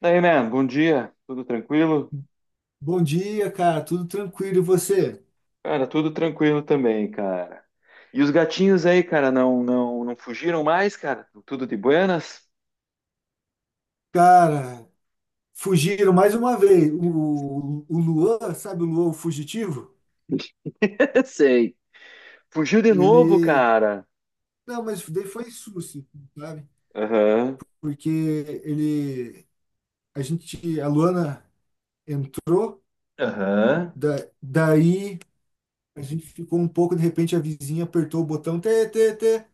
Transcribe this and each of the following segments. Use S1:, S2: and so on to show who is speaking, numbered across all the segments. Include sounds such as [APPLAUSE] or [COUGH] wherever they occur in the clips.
S1: Daí, man, bom dia. Tudo tranquilo?
S2: Bom dia, cara. Tudo tranquilo e você?
S1: Cara, tudo tranquilo também, cara. E os gatinhos aí, cara, não fugiram mais, cara? Tudo de buenas?
S2: Cara, fugiram mais uma vez. O Luan, sabe o Luan, o fugitivo?
S1: [LAUGHS] Sei. Fugiu de novo,
S2: Ele.
S1: cara.
S2: Não, mas daí foi susto, sabe?
S1: Aham.
S2: Porque ele. A gente. A Luana entrou,
S1: Aham.
S2: da, daí a gente ficou um pouco, de repente a vizinha apertou o botão, tê, tê, tê.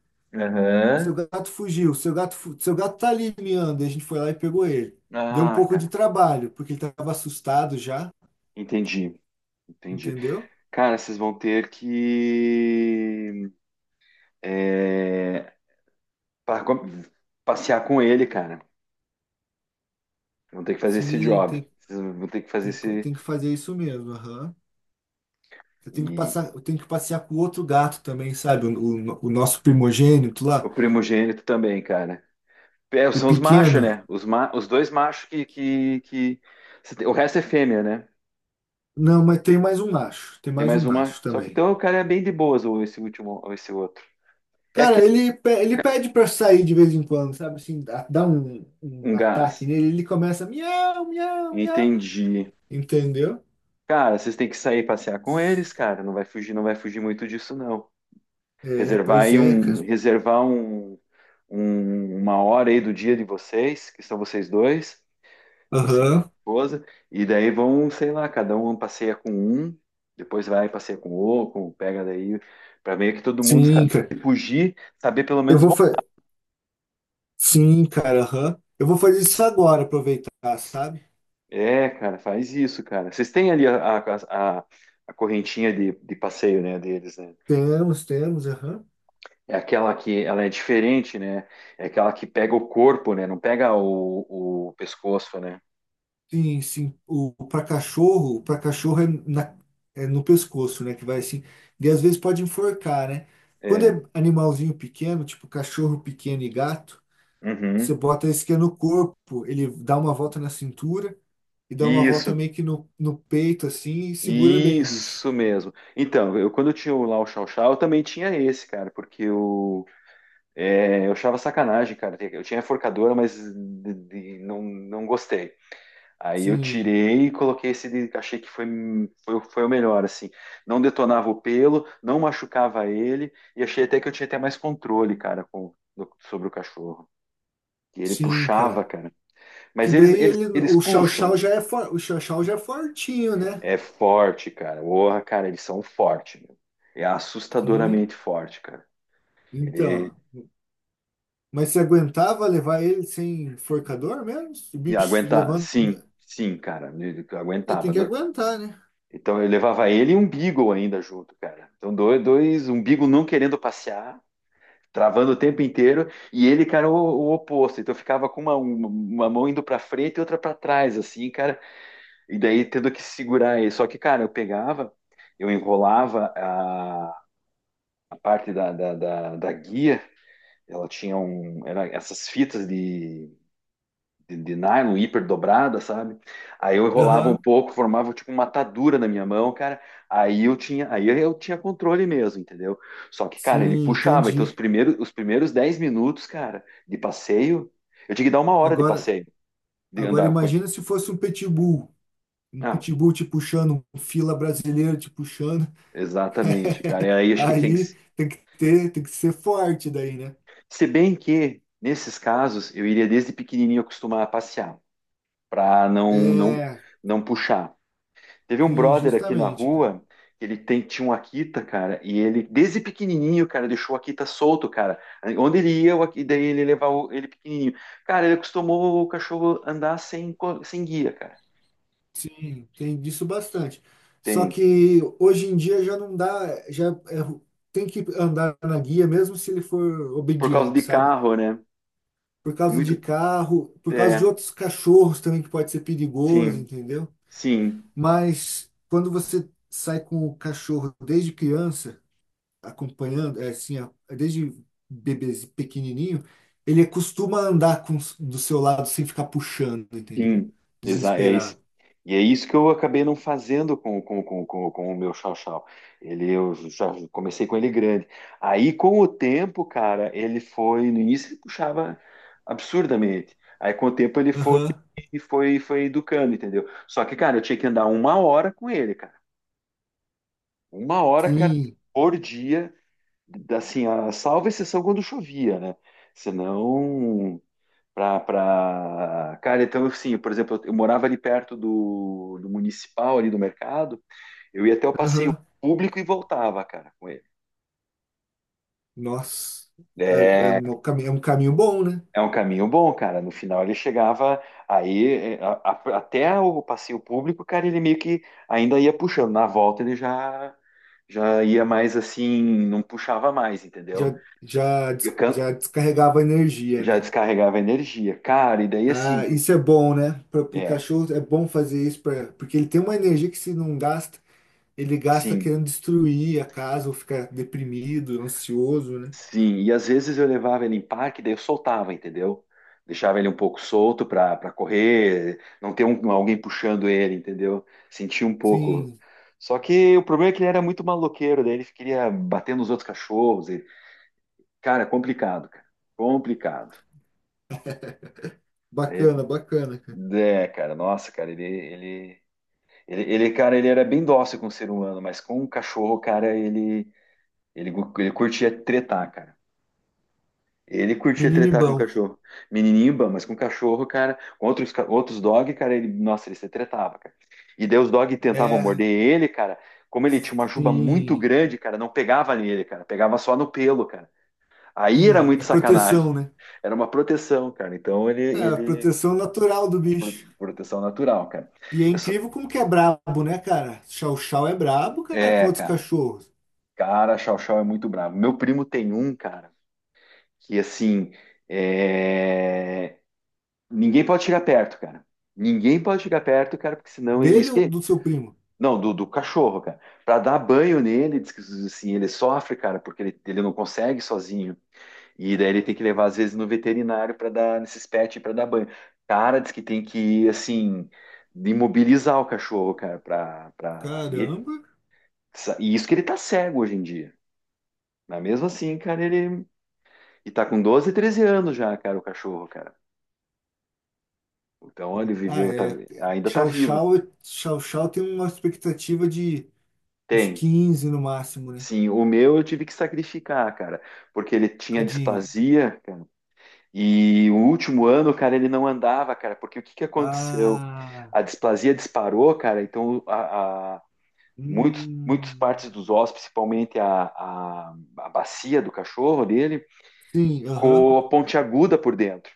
S2: Seu
S1: Aham.
S2: gato fugiu, seu gato, seu gato tá ali miando. E a gente foi lá e pegou ele. Deu um
S1: Ah,
S2: pouco de
S1: cara.
S2: trabalho, porque ele tava assustado já,
S1: Entendi. Entendi.
S2: entendeu?
S1: Cara, vocês vão ter que é, pa- com- passear com ele, cara. Vão ter que fazer esse
S2: Sim,
S1: job. Vocês vão ter que fazer esse
S2: tem que fazer isso mesmo, aham.
S1: e
S2: Eu tenho que passear com o outro gato também, sabe? O nosso primogênito lá,
S1: o primogênito também, cara. É,
S2: o
S1: são os machos,
S2: pequeno.
S1: né? Os dois machos que. O resto é fêmea, né?
S2: Não, mas tem mais um macho, tem
S1: Tem
S2: mais
S1: mais
S2: um
S1: uma.
S2: macho
S1: Só que
S2: também.
S1: então o cara é bem de boas, ou esse último, ou esse outro. É
S2: Cara,
S1: aquele
S2: ele pede pra sair de vez em quando, sabe? Assim, dá um
S1: um
S2: ataque
S1: gás.
S2: nele, ele começa miau, miau, miau.
S1: Entendi.
S2: Entendeu?
S1: Cara, vocês têm que sair passear com eles, cara. Não vai fugir, não vai fugir muito disso, não.
S2: É,
S1: Reservar
S2: pois
S1: aí
S2: é, cara.
S1: um. Reservar uma hora aí do dia de vocês, que são vocês dois, você
S2: Aham.
S1: e esposa, e daí vão, sei lá, cada um passeia com um, depois vai e passeia com o outro, pega daí, para meio que todo mundo sabe
S2: Sim, cara.
S1: se fugir, saber pelo
S2: Eu
S1: menos.
S2: vou fazer. Sim, cara, aham. Eu vou fazer isso agora, aproveitar, sabe?
S1: É, cara, faz isso, cara. Vocês têm ali a correntinha de passeio, né, deles, né?
S2: Temos, temos, aham.
S1: É aquela que ela é diferente, né? É aquela que pega o corpo, né? Não pega o pescoço, né?
S2: Sim, sim. O, para cachorro é, é no pescoço, né? Que vai assim. E às vezes pode enforcar, né? Quando
S1: É.
S2: é animalzinho pequeno, tipo cachorro pequeno e gato, você
S1: Uhum.
S2: bota esse que é no corpo, ele dá uma volta na cintura e dá uma volta
S1: Isso.
S2: meio que no peito, assim, e segura bem o bicho.
S1: Isso mesmo. Então, eu quando eu tinha lá o Chau Chau, eu também tinha esse, cara, porque eu achava sacanagem, cara. Eu tinha a forcadora, mas não, não gostei. Aí eu
S2: Sim,
S1: tirei e coloquei esse de, achei que foi o melhor, assim. Não detonava o pelo, não machucava ele, e achei até que eu tinha até mais controle, cara, sobre o cachorro. Que ele
S2: sim,
S1: puxava,
S2: cara.
S1: cara.
S2: Que
S1: Mas
S2: daí
S1: eles, eles,
S2: ele,
S1: eles puxam,
S2: o chau-chau já é fortinho, né?
S1: é forte, cara. Porra, cara, eles são fortes, meu. É
S2: Sim.
S1: assustadoramente forte, cara. Ele
S2: Então. Mas você aguentava levar ele sem enforcador mesmo? O bicho
S1: aguenta,
S2: levando.
S1: sim, sim, cara. Ele
S2: É,
S1: aguentava.
S2: tem que aguentar, né?
S1: Então eu levava ele e um Beagle ainda junto, cara. Então um Beagle não querendo passear, travando o tempo inteiro, e ele, cara, o oposto. Então eu ficava com uma mão indo pra frente e outra pra trás, assim, cara. E daí tendo que segurar ele. Só que, cara, eu pegava, eu enrolava a parte da guia. Ela tinha um. Era essas fitas de nylon hiper dobrada, sabe? Aí eu enrolava um
S2: Aham.
S1: pouco, formava tipo uma atadura na minha mão, cara. Aí eu tinha controle mesmo, entendeu? Só que, cara, ele
S2: Sim,
S1: puxava. Então, os
S2: entendi.
S1: primeiros, os primeiros 10 minutos, cara, de passeio, eu tinha que dar uma hora de
S2: Agora,
S1: passeio, de
S2: agora
S1: andar com ele.
S2: imagina se fosse um pitbull. Um
S1: Ah,
S2: pitbull te puxando, um fila brasileiro te puxando.
S1: exatamente, cara. E
S2: [LAUGHS]
S1: aí acho que tinha que.
S2: Aí tem que ser forte daí, né?
S1: Se bem que, nesses casos, eu iria desde pequenininho acostumar a passear, pra não, não,
S2: É,
S1: não puxar. Teve um
S2: sim,
S1: brother aqui na
S2: justamente, cara.
S1: rua, ele tinha um Akita, cara, e ele, desde pequenininho, cara, deixou o Akita solto, cara. Onde ele ia, o Akita, daí ele levava ele pequenininho. Cara, ele acostumou o cachorro andar sem guia, cara.
S2: Sim, tem disso bastante. Só
S1: Tem.
S2: que hoje em dia já não dá, tem que andar na guia mesmo se ele for
S1: Por causa
S2: obediente,
S1: de
S2: sabe?
S1: carro, né?
S2: Por
S1: Tem
S2: causa
S1: muito.
S2: de carro, por causa de
S1: É,
S2: outros cachorros também que pode ser perigoso,
S1: sim,
S2: entendeu?
S1: sim.
S2: Mas quando você sai com o cachorro desde criança, acompanhando, é assim, ó, desde bebê pequenininho, ele costuma andar com, do seu lado sem ficar puxando, entendeu?
S1: Sim, exa é isso.
S2: Desesperado.
S1: E é isso que eu acabei não fazendo com o meu chau-chau. Eu já comecei com ele grande. Aí, com o tempo, cara, ele foi. No início, ele puxava absurdamente. Aí, com o tempo, ele foi,
S2: Aham.
S1: foi, foi educando, entendeu? Só que, cara, eu tinha que andar uma hora com ele, cara. Uma hora, cara,
S2: Sim,
S1: por dia. Assim, salvo exceção quando chovia, né? Senão. Cara, então assim, por exemplo, eu morava ali perto do municipal, ali do mercado, eu ia até o passeio
S2: aham.
S1: público e voltava, cara, com ele.
S2: Nossa, é,
S1: É,
S2: é um caminho bom, né?
S1: é um caminho bom, cara. No final ele chegava aí é, a- até o passeio público, cara, ele meio que ainda ia puxando. Na volta ele já ia mais assim, não puxava mais, entendeu?
S2: Já,
S1: E o can-
S2: já descarregava energia,
S1: Já
S2: né?
S1: descarregava energia, cara. E daí assim,
S2: Ah, isso é bom, né? Para o
S1: é,
S2: cachorro é bom fazer isso, pra, porque ele tem uma energia que se não gasta, ele gasta
S1: sim.
S2: querendo destruir a casa ou ficar deprimido, ansioso, né?
S1: Sim, e às vezes eu levava ele em parque, daí eu soltava, entendeu? Deixava ele um pouco solto para correr, não ter alguém puxando ele, entendeu? Sentia um pouco.
S2: Sim,
S1: Só que o problema é que ele era muito maloqueiro, daí ele queria bater nos outros cachorros. Cara, complicado, cara. Complicado.
S2: [LAUGHS]
S1: Aí
S2: bacana, bacana, cara.
S1: cara, nossa, cara, cara, ele era bem dócil com o ser humano, mas com o cachorro, cara, ele, ele curtia tretar, cara. Ele curtia
S2: Menino
S1: tretar com
S2: bom.
S1: cachorro. Menininho, bom, mas com cachorro, cara, com outros dog, cara, ele, nossa, ele se tretava, cara. E daí os dog tentavam
S2: É,
S1: morder ele, cara. Como ele tinha uma juba muito
S2: sim,
S1: grande, cara, não pegava nele, cara, pegava só no pelo, cara. Aí era
S2: sim.
S1: muito
S2: É proteção,
S1: sacanagem.
S2: né?
S1: Era uma proteção, cara. Então ele,
S2: É a
S1: ele
S2: proteção natural do bicho.
S1: proteção natural, cara.
S2: E é
S1: Eu só-
S2: incrível como que é brabo, né, cara? Chow Chow é brabo, cara, com
S1: É,
S2: outros
S1: cara.
S2: cachorros.
S1: Cara, Chau Chau é muito bravo. Meu primo tem um, cara, que assim, é, ninguém pode chegar perto, cara. Ninguém pode chegar perto, cara, porque senão.
S2: Dele
S1: Isso
S2: ou
S1: que.
S2: do seu primo?
S1: Não, do cachorro, cara. Pra dar banho nele, diz que assim, ele sofre, cara, porque ele não consegue sozinho. E daí ele tem que levar, às vezes, no veterinário pra dar, nesses pets, pra dar banho. Cara, diz que tem que, assim, imobilizar o cachorro, cara, E,
S2: Caramba.
S1: e isso que ele tá cego hoje em dia. Mas mesmo assim, cara, ele. E tá com 12, 13 anos já, cara, o cachorro, cara. Então ele
S2: Ah,
S1: viveu,
S2: é.
S1: ainda tá
S2: Chow
S1: vivo.
S2: Chow, Chow Chow tem uma expectativa de uns
S1: Tem,
S2: 15 no máximo, né?
S1: sim, o meu eu tive que sacrificar, cara, porque ele tinha
S2: Tadinho.
S1: displasia, cara, e o último ano, cara, ele não andava, cara, porque o que que aconteceu?
S2: Ah,
S1: A displasia disparou, cara, então muitos, muitas
S2: hum,
S1: partes dos ossos, principalmente a bacia do cachorro dele,
S2: sim, aham.
S1: ficou pontiaguda por dentro.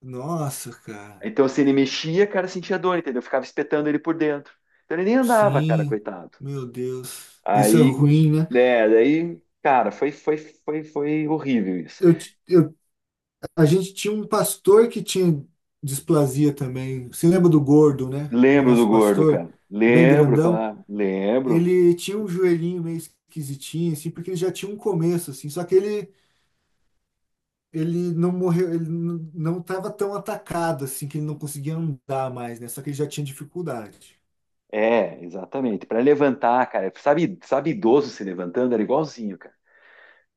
S2: Nossa, cara.
S1: Então, se ele mexia, cara, sentia dor, entendeu? Eu ficava espetando ele por dentro. Então, ele nem andava, cara,
S2: Sim,
S1: coitado.
S2: meu Deus. Isso é
S1: Aí,
S2: ruim, né?
S1: né, daí, cara, foi horrível isso.
S2: Eu, ti- eu, a gente tinha um pastor que tinha displasia também. Você lembra do gordo, né? O
S1: Lembro do
S2: nosso
S1: gordo,
S2: pastor,
S1: cara.
S2: bem
S1: Lembro,
S2: grandão.
S1: claro. Lembro.
S2: Ele tinha um joelhinho meio esquisitinho, assim, porque ele já tinha um começo, assim. Só que ele não morreu, ele não estava tão atacado assim que ele não conseguia andar mais, né? Só que ele já tinha dificuldade.
S1: É, exatamente. Para levantar, cara. Sabe idoso se levantando? Era igualzinho, cara.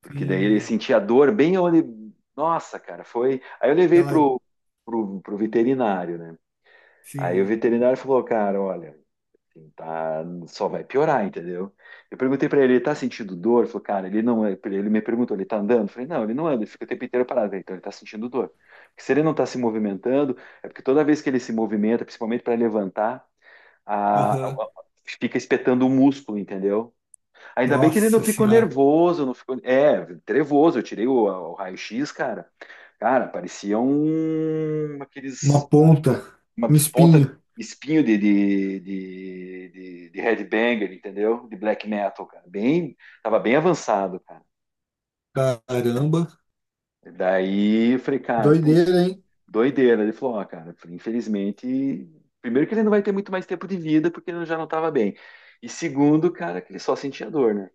S1: Porque daí ele
S2: Sim,
S1: sentia dor bem onde. Nossa, cara, foi. Aí eu levei
S2: aquela,
S1: pro, pro veterinário, né? Aí o
S2: sim,
S1: veterinário falou, cara, olha, assim, tá, só vai piorar, entendeu? Eu perguntei pra ele, ele tá sentindo dor? Ele falou, cara, ele não, é", ele me perguntou, ele tá andando? Eu falei, não, ele não anda, ele fica o tempo inteiro parado. Eu falei, então ele tá sentindo dor. Porque se ele não tá se movimentando, é porque toda vez que ele se movimenta, principalmente para levantar,
S2: aham.
S1: fica espetando o músculo, entendeu? Ainda bem que ele não
S2: Nossa
S1: ficou
S2: senhora,
S1: nervoso, não ficou, trevoso, eu tirei o raio-x, cara. Cara, parecia um,
S2: uma
S1: aqueles
S2: ponta,
S1: uma
S2: um
S1: ponta
S2: espinho.
S1: espinho de headbanger, entendeu? De black metal, cara. Bem, tava bem avançado, cara.
S2: Caramba,
S1: Daí eu falei, cara, puxa,
S2: doideira, hein?
S1: doideira. Ele falou, ó, cara, infelizmente, primeiro que ele não vai ter muito mais tempo de vida porque ele já não tava bem. E segundo, cara, que ele só sentia dor, né?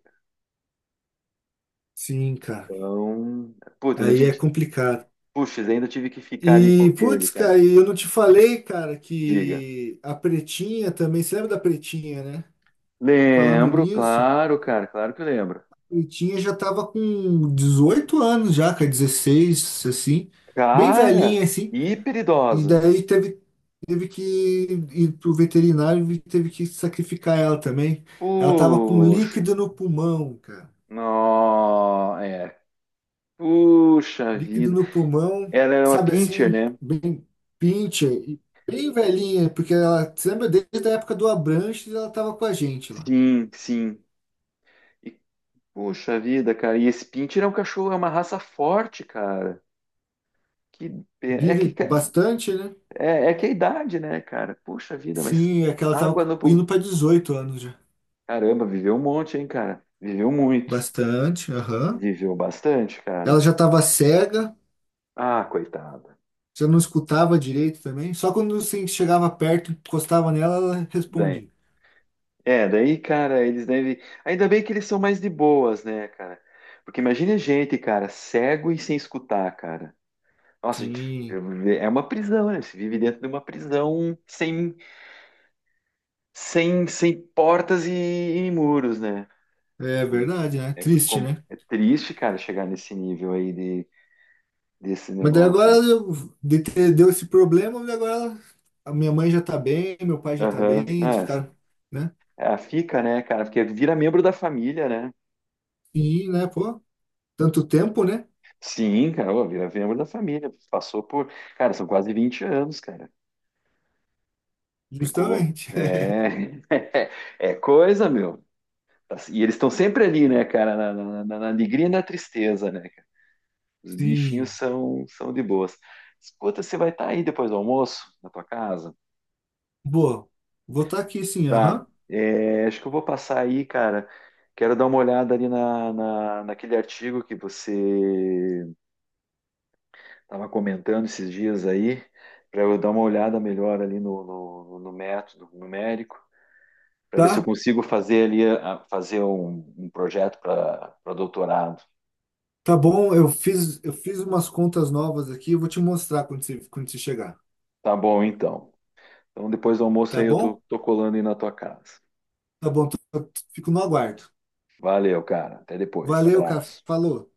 S2: Sim, cara.
S1: Então, puta,
S2: Aí é complicado.
S1: puxa, ainda tive que ficar ali com
S2: E,
S1: ele,
S2: putz,
S1: cara.
S2: cara, e eu não te falei, cara,
S1: Diga.
S2: que a Pretinha também, você lembra da Pretinha, né? Falando
S1: Lembro,
S2: nisso.
S1: claro, cara, claro que eu lembro.
S2: Já tava com 18 anos já, cara, 16 assim, bem velhinha,
S1: Cara,
S2: assim,
S1: hiper
S2: e
S1: idosa.
S2: daí teve que ir pro veterinário e teve que sacrificar ela também. Ela tava com
S1: Puxa.
S2: líquido no pulmão, cara,
S1: Nó, é. Puxa
S2: líquido
S1: vida.
S2: no pulmão,
S1: Ela era uma
S2: sabe
S1: pincher,
S2: assim,
S1: né?
S2: bem pincha, e bem velhinha, porque ela, você lembra, desde a época do Abranches ela tava com a gente lá.
S1: Sim, sim. E, puxa vida, cara. E esse pincher é um cachorro, é uma raça forte, cara. Que, pe- é que
S2: Vive bastante, né?
S1: é que é a idade, né, cara? Puxa vida, mas
S2: Sim, é que ela
S1: água
S2: tava
S1: no
S2: indo
S1: pão.
S2: para 18 anos já.
S1: Caramba, viveu um monte, hein, cara? Viveu muito.
S2: Bastante, aham.
S1: Viveu bastante,
S2: Ela
S1: cara.
S2: já estava cega,
S1: Ah, coitada.
S2: já não escutava direito também. Só quando você chegava perto, encostava nela, ela respondia.
S1: É, daí, cara, eles devem. Ainda bem que eles são mais de boas, né, cara? Porque imagine a gente, cara, cego e sem escutar, cara. Nossa, a gente
S2: Sim,
S1: é uma prisão, né? Você vive dentro de uma prisão sem, sem portas e muros, né?
S2: é
S1: Então,
S2: verdade, né?
S1: é,
S2: Triste, né?
S1: é triste, cara, chegar nesse nível aí de, desse
S2: Mas daí agora
S1: negócio.
S2: deu esse problema, e agora ela- a minha mãe já tá bem, meu pai já tá bem,
S1: Aham.
S2: eles ficaram, né?
S1: É, fica, né, cara? Porque vira membro da família, né?
S2: E, né, pô, tanto tempo, né?
S1: Sim, cara, ô, vira membro da família. Passou por. Cara, são quase 20 anos, cara. Ficou.
S2: Justamente. [LAUGHS]
S1: É, [LAUGHS] é coisa, meu. E eles estão sempre ali, né, cara? Na alegria e na tristeza, né, cara? Os bichinhos
S2: Sim.
S1: são de boas. Escuta, você vai estar aí depois do almoço, na tua casa?
S2: Boa. Vou estar aqui sim,
S1: Tá.
S2: aham.
S1: É, acho que eu vou passar aí, cara. Quero dar uma olhada ali naquele artigo que você estava comentando esses dias aí, para eu dar uma olhada melhor ali no, no método numérico, para ver se eu
S2: Tá?
S1: consigo fazer ali fazer um projeto para doutorado.
S2: Tá bom, eu fiz umas contas novas aqui, eu vou te mostrar quando você chegar.
S1: Tá bom, então. Então depois do almoço
S2: Tá
S1: aí eu tô,
S2: bom?
S1: tô colando aí na tua casa.
S2: Tá bom, tô- fico no aguardo.
S1: Valeu, cara. Até depois.
S2: Valeu, cara.
S1: Abraço.
S2: Falou.